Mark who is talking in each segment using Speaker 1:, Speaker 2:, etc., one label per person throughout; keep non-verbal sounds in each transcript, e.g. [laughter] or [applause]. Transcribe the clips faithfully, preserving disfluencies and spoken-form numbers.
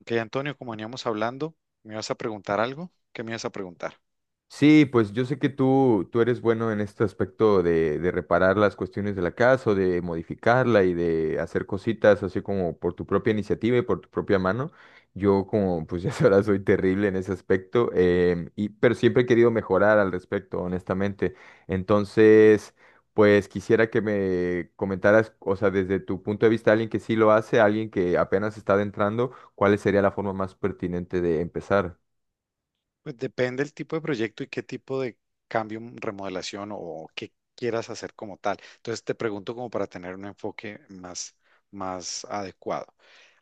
Speaker 1: Ok, Antonio, como veníamos hablando, ¿me ibas a preguntar algo? ¿Qué me ibas a preguntar?
Speaker 2: Sí, pues yo sé que tú, tú eres bueno en este aspecto de, de reparar las cuestiones de la casa o de modificarla y de hacer cositas así como por tu propia iniciativa y por tu propia mano. Yo como pues [laughs] ya sabrás soy terrible en ese aspecto, em, y, pero siempre he querido mejorar al respecto, honestamente. Entonces, pues quisiera que me comentaras, o sea, desde tu punto de vista, alguien que sí lo hace, alguien que apenas está adentrando, ¿cuál sería la forma más pertinente de empezar?
Speaker 1: Pues depende del tipo de proyecto y qué tipo de cambio, mm, remodelación o qué quieras hacer como tal. Entonces te pregunto como para tener un enfoque más, más adecuado.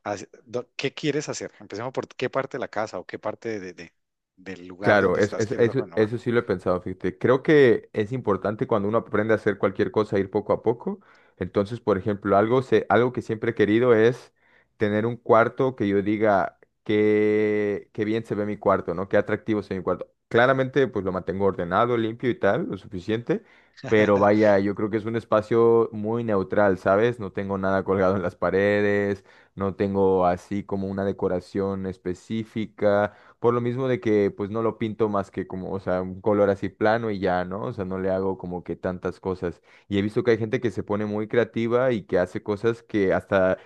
Speaker 1: Así- do- ¿Qué quieres hacer? Empecemos por qué parte de la casa o qué parte de, de- del lugar
Speaker 2: Claro,
Speaker 1: donde
Speaker 2: es,
Speaker 1: estás
Speaker 2: es-
Speaker 1: quieres
Speaker 2: eso,
Speaker 1: renovar.
Speaker 2: eso sí lo he pensado, fíjate. Creo que es importante cuando uno aprende a hacer cualquier cosa, ir poco a poco. Entonces, por ejemplo, algo, se, algo que siempre he querido es tener un cuarto que yo diga qué, qué bien se ve mi cuarto, ¿no? Qué atractivo se ve mi cuarto. Claramente, pues lo mantengo ordenado, limpio y tal, lo suficiente. Pero vaya, yo creo que es un espacio muy neutral, ¿sabes? No tengo nada colgado en las paredes, no tengo así como una decoración específica. Por lo mismo de que pues no lo pinto más que como, o sea, un color así plano y ya, ¿no? O sea, no le hago como que tantas cosas. Y he visto que hay gente que se pone muy creativa y que hace cosas que hasta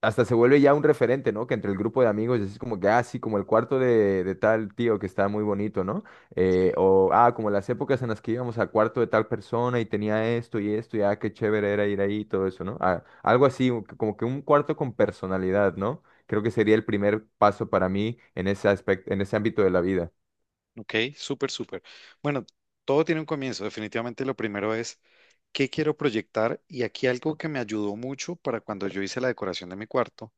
Speaker 2: hasta se vuelve ya un referente, ¿no? Que entre el grupo de amigos es como que, ah, sí, como el cuarto de, de tal tío que está muy bonito, ¿no? Eh,
Speaker 1: Sí.
Speaker 2: o, ah, como las épocas en las que íbamos al cuarto de tal persona y tenía esto y esto, y ah, qué chévere era ir ahí y todo eso, ¿no? Ah, algo así, un- como que un cuarto con personalidad, ¿no? Creo que sería el primer paso para mí en ese aspecto, en ese ámbito de la vida.
Speaker 1: Ok, súper, súper. Bueno, todo tiene un comienzo. Definitivamente lo primero es qué quiero proyectar, y aquí algo que me ayudó mucho para cuando yo hice la decoración de mi cuarto,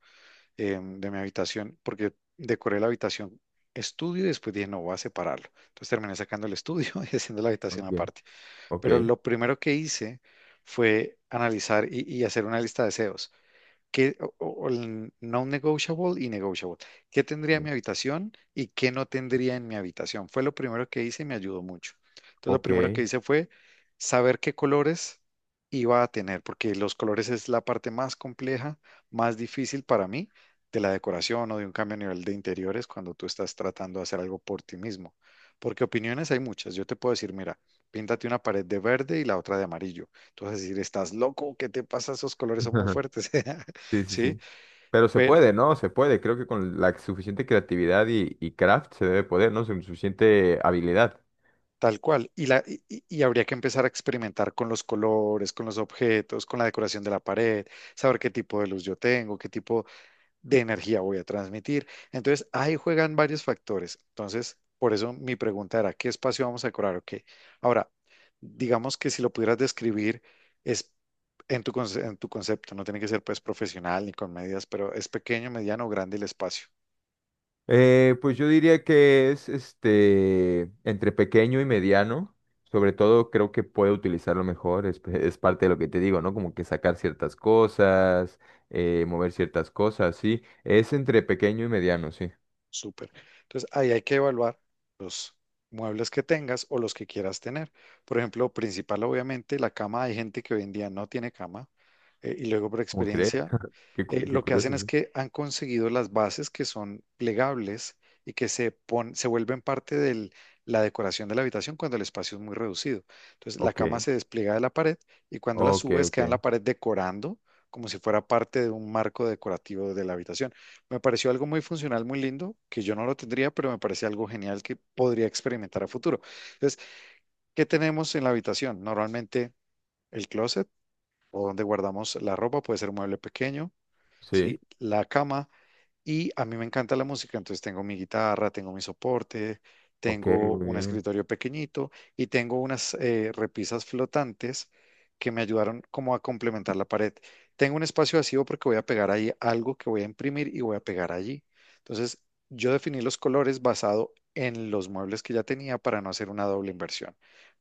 Speaker 1: em, de mi habitación, porque decoré la habitación estudio y después dije, no, voy a separarlo. Entonces terminé sacando el estudio [laughs] y haciendo la habitación
Speaker 2: Ok,
Speaker 1: aparte.
Speaker 2: ok,
Speaker 1: Pero lo primero que hice fue analizar y, y hacer una lista de deseos. ¿Qué, o- o- o el non-negotiable y negotiable? ¿Qué tendría en mi habitación y qué no tendría en mi habitación? Fue lo primero que hice y me ayudó mucho. Entonces, lo
Speaker 2: ok.
Speaker 1: primero que hice fue saber qué colores iba a tener, porque los colores es la parte más compleja, más difícil para mí de la decoración o de un cambio a nivel de interiores cuando tú estás tratando de hacer algo por ti mismo. Porque opiniones hay muchas. Yo te puedo decir, mira, píntate una pared de verde y la otra de amarillo. Tú vas a decir, estás loco, ¿qué te pasa? Esos colores son muy
Speaker 2: [laughs]
Speaker 1: fuertes. [laughs]
Speaker 2: Sí, sí,
Speaker 1: ¿Sí?
Speaker 2: sí. Pero se
Speaker 1: Pero
Speaker 2: puede, ¿no? Se puede. Creo que con la suficiente creatividad y, y craft se debe poder, ¿no? Con suficiente habilidad.
Speaker 1: tal cual. Y, la, y, y- y habría que empezar a experimentar con los colores, con los objetos, con la decoración de la pared, saber qué tipo de luz yo tengo, qué tipo de energía voy a transmitir. Entonces, ahí juegan varios factores. Entonces, por eso mi pregunta era, ¿qué espacio vamos a decorar o qué? Ahora, digamos que si lo pudieras describir, es... En tu, conce- en tu concepto, no tiene que ser pues profesional ni con medidas, pero es pequeño, mediano o grande el espacio.
Speaker 2: Eh, pues yo diría que es este entre pequeño y mediano. Sobre todo creo que puede utilizarlo mejor. Es, [laughs] es parte de lo que te digo, ¿no? Como que sacar ciertas cosas, eh, mover ciertas cosas, sí. Es entre pequeño y mediano, sí.
Speaker 1: Súper. Entonces, ahí hay que evaluar los muebles que tengas o los que quieras tener. Por ejemplo, principal, obviamente, la cama. Hay gente que hoy en día no tiene cama. Eh, y luego, por
Speaker 2: ¿Cómo crees?
Speaker 1: experiencia,
Speaker 2: Qué, cu-
Speaker 1: eh,
Speaker 2: qué
Speaker 1: lo que hacen
Speaker 2: curioso,
Speaker 1: es
Speaker 2: sí.
Speaker 1: que han conseguido las bases que son plegables y que se, pon- se vuelven parte de la decoración de la habitación cuando el espacio es muy reducido. Entonces, la
Speaker 2: Ok,
Speaker 1: cama se despliega de la pared y cuando la
Speaker 2: ok,
Speaker 1: subes, queda en la
Speaker 2: ok.
Speaker 1: pared decorando como si fuera parte de un marco decorativo de la habitación. Me pareció algo muy funcional, muy lindo, que yo no lo tendría, pero me parece algo genial que podría experimentar a futuro. Entonces, ¿qué tenemos en la habitación? Normalmente el closet o donde guardamos la ropa, puede ser un mueble pequeño.
Speaker 2: Sí,
Speaker 1: ¿Sí? La cama. Y a mí me encanta la música, entonces tengo mi guitarra, tengo mi soporte,
Speaker 2: ok,
Speaker 1: tengo
Speaker 2: muy
Speaker 1: un
Speaker 2: bien.
Speaker 1: escritorio pequeñito y tengo unas eh, repisas flotantes que me ayudaron como a complementar la pared. Tengo un espacio vacío porque voy a pegar ahí algo que voy a imprimir y voy a pegar allí. Entonces, yo definí los colores basado en los muebles que ya tenía para no hacer una doble inversión.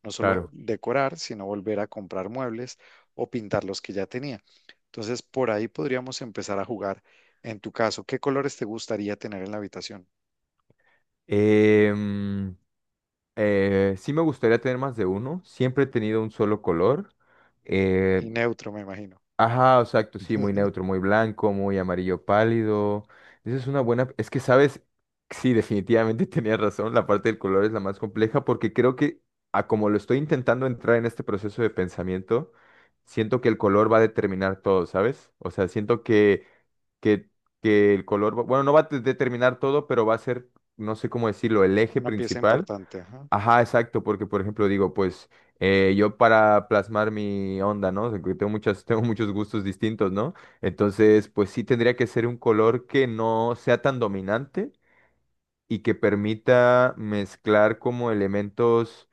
Speaker 1: No solo
Speaker 2: Claro.
Speaker 1: decorar, sino volver a comprar muebles o pintar los que ya tenía. Entonces, por ahí podríamos empezar a jugar. En tu caso, ¿qué colores te gustaría tener en la habitación?
Speaker 2: Eh, Eh, sí me gustaría tener más de uno. Siempre he tenido un solo color. Eh,
Speaker 1: Y neutro, me imagino.
Speaker 2: ajá, exacto, sí, muy neutro, muy blanco, muy amarillo pálido. Esa es una buena... Es que, ¿sabes? Sí, definitivamente [laughs] tenías razón. La parte del color es la más compleja porque creo que a como lo estoy intentando entrar en este proceso de pensamiento, siento que el color va a determinar todo, ¿sabes? O sea, siento que, que, que el color... va- Bueno, no va a te- determinar todo, pero va a ser, no sé cómo decirlo, el eje
Speaker 1: Una pieza
Speaker 2: principal.
Speaker 1: importante. Ajá.
Speaker 2: Ajá, exacto, porque por ejemplo digo, pues eh, yo para plasmar mi onda, ¿no? Que tengo muchas, [laughs] tengo muchos gustos distintos, ¿no? Entonces, pues sí tendría que ser un color que no sea tan dominante y que permita mezclar como elementos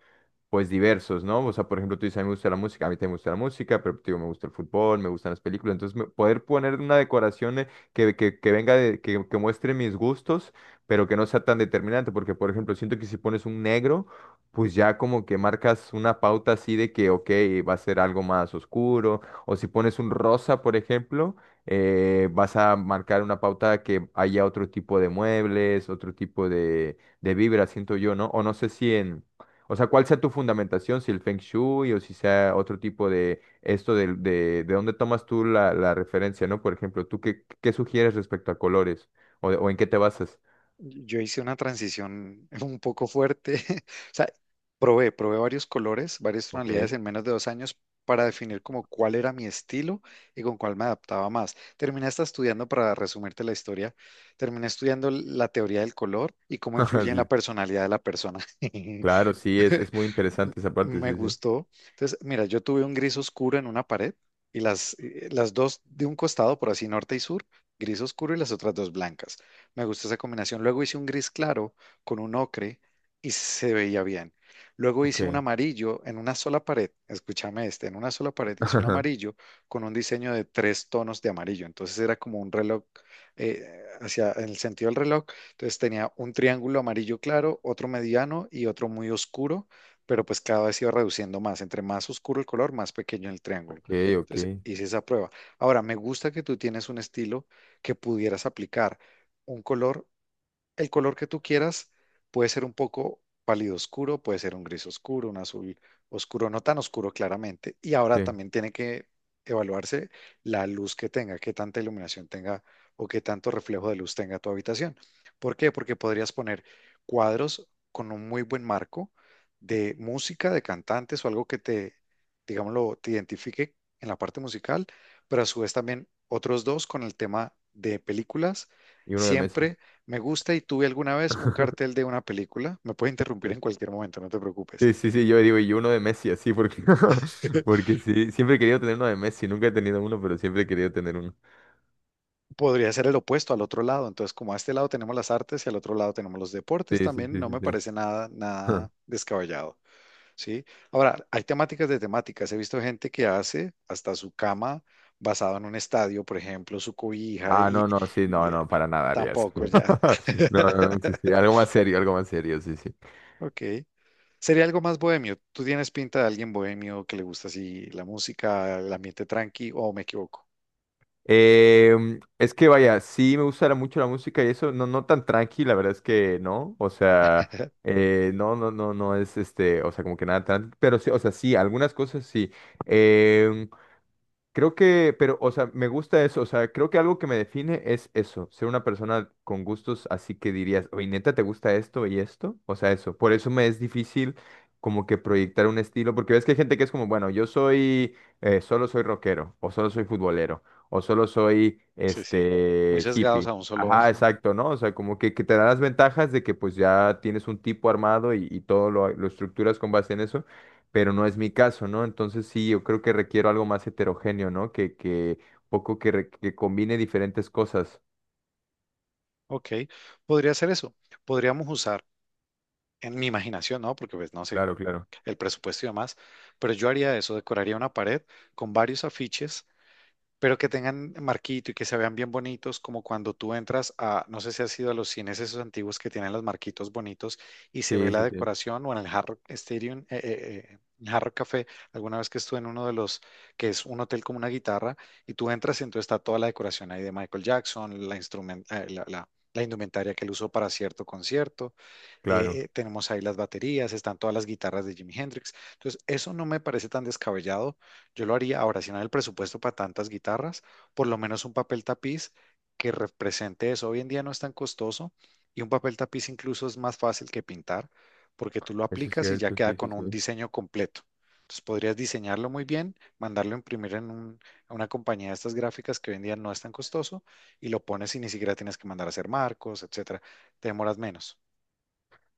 Speaker 2: pues diversos, ¿no? O sea, por ejemplo, tú dices, a mí me gusta la música, a mí también me gusta la música, pero te digo, me gusta el fútbol, me gustan las películas, entonces me- poder poner una decoración eh, que, que, que venga de, que, que muestre mis gustos, pero que no sea tan determinante, porque por ejemplo, siento que si pones un negro, pues ya como que marcas una pauta así de que, ok, va a ser algo más oscuro, o si pones un rosa, por ejemplo, eh, vas a marcar una pauta que haya otro tipo de muebles, otro tipo de, de vibra, siento yo, ¿no? O no sé si en... O sea, ¿cuál sea tu fundamentación? Si el Feng Shui o si sea otro tipo de esto del- de, de, dónde tomas tú la, la referencia, ¿no? Por ejemplo, ¿tú qué, qué sugieres respecto a colores? ¿O, o en qué te basas?
Speaker 1: Yo hice una transición [laughs] un poco fuerte. [laughs] O sea, probé, probé varios colores, varias tonalidades
Speaker 2: Ok.
Speaker 1: en menos de dos años para definir como cuál era mi estilo y con cuál me adaptaba más. Terminé hasta estudiando, para resumirte la historia, terminé estudiando la teoría del color y cómo
Speaker 2: [laughs]
Speaker 1: influye en la
Speaker 2: Sí,
Speaker 1: personalidad de la persona.
Speaker 2: claro,
Speaker 1: [laughs]
Speaker 2: sí, es, es muy
Speaker 1: m-
Speaker 2: interesante esa parte,
Speaker 1: Me
Speaker 2: sí, sí.
Speaker 1: gustó. Entonces, mira, yo tuve un gris oscuro en una pared y las, eh, las dos de un costado, por así norte y sur, gris oscuro y las otras dos blancas. Me gustó esa combinación. Luego hice un gris claro con un ocre y se veía bien. Luego hice un
Speaker 2: Ok.
Speaker 1: amarillo en una sola pared. Escúchame este, en una sola pared hice un
Speaker 2: [laughs]
Speaker 1: amarillo con un diseño de tres tonos de amarillo. Entonces era como un reloj eh, hacia en el sentido del reloj. Entonces tenía un triángulo amarillo claro, otro mediano y otro muy oscuro, pero pues cada vez iba reduciendo más. Entre más oscuro el color, más pequeño el triángulo.
Speaker 2: Ok, ok.
Speaker 1: Entonces hice esa prueba. Ahora, me gusta que tú tienes un estilo que pudieras aplicar un color, el color que tú quieras, puede ser un poco pálido oscuro, puede ser un gris oscuro, un azul oscuro, no tan oscuro claramente. Y ahora
Speaker 2: Sí.
Speaker 1: también tiene que evaluarse la luz que tenga, qué tanta iluminación tenga o qué tanto reflejo de luz tenga tu habitación. ¿Por qué? Porque podrías poner cuadros con un muy buen marco de música, de cantantes o algo que te, digámoslo, te identifique en la parte musical, pero a su vez también otros dos con el tema de películas.
Speaker 2: Y uno de Messi.
Speaker 1: Siempre me gusta y tuve alguna vez un cartel
Speaker 2: [laughs]
Speaker 1: de una película. Me puedes interrumpir en cualquier momento, no te preocupes.
Speaker 2: Sí, sí, sí, sí, yo digo, y uno de Messi, así, porque, [laughs]
Speaker 1: [laughs]
Speaker 2: porque sí, siempre he querido tener uno de Messi, nunca he tenido uno, pero siempre he querido tener uno.
Speaker 1: Podría ser el opuesto al otro lado. Entonces, como a este lado tenemos las artes y al otro lado tenemos los
Speaker 2: Sí,
Speaker 1: deportes
Speaker 2: sí,
Speaker 1: también,
Speaker 2: sí,
Speaker 1: no
Speaker 2: sí,
Speaker 1: me
Speaker 2: sí.
Speaker 1: parece nada, nada
Speaker 2: [laughs]
Speaker 1: descabellado, ¿sí? Ahora, hay temáticas de temáticas. He visto gente que hace hasta su cama basado en un estadio, por ejemplo, su cobija
Speaker 2: Ah,
Speaker 1: y,
Speaker 2: no, no, sí,
Speaker 1: y,
Speaker 2: no,
Speaker 1: eh,
Speaker 2: no, para nada haría eso.
Speaker 1: tampoco ya.
Speaker 2: [laughs] No, no, no, sí, sí, algo
Speaker 1: [laughs]
Speaker 2: más serio, algo más serio, sí, sí.
Speaker 1: Ok. Sería algo más bohemio. ¿Tú tienes pinta de alguien bohemio que le gusta así la música, el ambiente tranqui o me equivoco?
Speaker 2: Em, es que vaya, sí me gusta mucho la música y eso, no, no tan tranqui, la verdad es que no, o sea,
Speaker 1: [laughs]
Speaker 2: eh, no, no, no, no es este, o sea, como que nada tan, pero sí, o sea, sí, algunas cosas sí. Em, creo que, pero, o sea, me gusta eso, o sea, creo que algo que me define es eso, ser una persona con gustos así que dirías, oye, neta, ¿te gusta esto y esto? O sea, eso, por eso me es difícil como que proyectar un estilo, porque ves que hay gente que es como, bueno, yo soy, eh, solo soy rockero, o solo soy futbolero, o solo soy,
Speaker 1: Sí, sí. Muy
Speaker 2: este,
Speaker 1: sesgados a
Speaker 2: hippie.
Speaker 1: un solo. [laughs]
Speaker 2: Ajá, exacto, ¿no? O sea, como que, que te da las ventajas de que pues ya tienes un tipo armado y, y todo lo lo estructuras con base en eso pero no es mi caso, ¿no? Entonces sí, yo creo que requiero algo más heterogéneo, ¿no? Que, que un poco que, re- que combine diferentes cosas.
Speaker 1: Ok, podría ser eso. Podríamos usar en mi imaginación, ¿no? Porque pues no sé
Speaker 2: Claro, claro.
Speaker 1: el presupuesto y demás, pero yo haría eso, decoraría una pared con varios afiches pero que tengan marquito y que se vean bien bonitos, como cuando tú entras a, no sé si has ido a los cines esos antiguos que tienen los marquitos bonitos y se ve
Speaker 2: Sí,
Speaker 1: la
Speaker 2: sí, sí,
Speaker 1: decoración, o en el Hard Rock Stadium, eh, eh, eh, en Hard Rock Café, alguna vez que estuve en uno de los, que es un hotel como una guitarra, y tú entras y entonces está toda la decoración ahí de Michael Jackson, la, instrumen- eh, la, la- la indumentaria que él usó para cierto concierto, eh,
Speaker 2: claro.
Speaker 1: eh, tenemos ahí las baterías, están todas las guitarras de Jimi Hendrix. Entonces, eso no me parece tan descabellado. Yo lo haría ahora, si no hay el presupuesto para tantas guitarras, por lo menos un papel tapiz que represente eso. Hoy en día no es tan costoso y un papel tapiz incluso es más fácil que pintar porque tú lo
Speaker 2: Eso es
Speaker 1: aplicas y ya
Speaker 2: cierto,
Speaker 1: queda
Speaker 2: sí, sí,
Speaker 1: con un
Speaker 2: sí.
Speaker 1: diseño completo. Entonces podrías diseñarlo muy bien, mandarlo a imprimir en un- a una compañía de estas gráficas que hoy en día no es tan costoso y lo pones y ni siquiera tienes que mandar a hacer marcos, etcétera. Te demoras menos.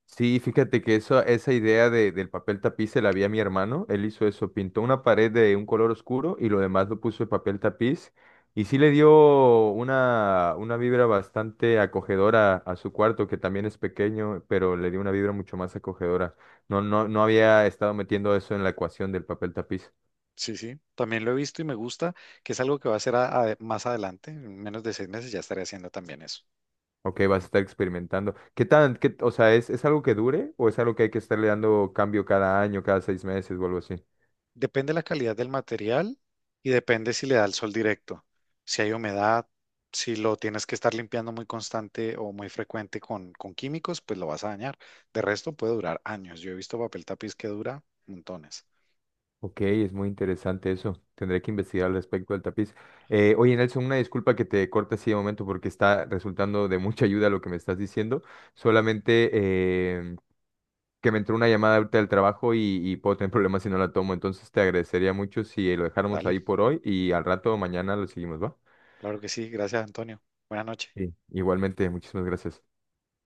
Speaker 2: Sí, fíjate que eso, esa idea de- del papel tapiz se la vi a mi hermano. Él hizo eso, pintó una pared de un color oscuro y lo demás lo puso de papel tapiz. Y sí le dio una, una vibra bastante acogedora a su cuarto, que también es pequeño, pero le dio una vibra mucho más acogedora. No, no, no había estado metiendo eso en la ecuación del papel tapiz.
Speaker 1: Sí, sí, también lo he visto y me gusta, que es algo que va a hacer a- a- más adelante, en menos de seis meses ya estaré haciendo también eso.
Speaker 2: Ok, vas a estar experimentando. ¿Qué tan, qué, o sea, ¿es, es algo que dure o es algo que hay que estarle dando cambio cada año, cada seis meses o algo así?
Speaker 1: Depende la calidad del material y depende si le da el sol directo, si hay humedad, si lo tienes que estar limpiando muy constante o muy frecuente con, con químicos, pues lo vas a dañar. De resto puede durar años. Yo he visto papel tapiz que dura montones.
Speaker 2: Ok, es muy interesante eso. Tendré que investigar al respecto del tapiz. Eh, oye, Nelson, una disculpa que te corte así de momento porque está resultando de mucha ayuda lo que me estás diciendo. Solamente eh, que me entró una llamada ahorita del trabajo y, y puedo tener [laughs] problemas si no la tomo. Entonces te agradecería mucho si lo dejáramos
Speaker 1: Dale,
Speaker 2: ahí por hoy y al rato mañana lo seguimos, ¿va?
Speaker 1: claro que sí, gracias Antonio. Buenas noches.
Speaker 2: Sí. Igualmente, muchísimas gracias.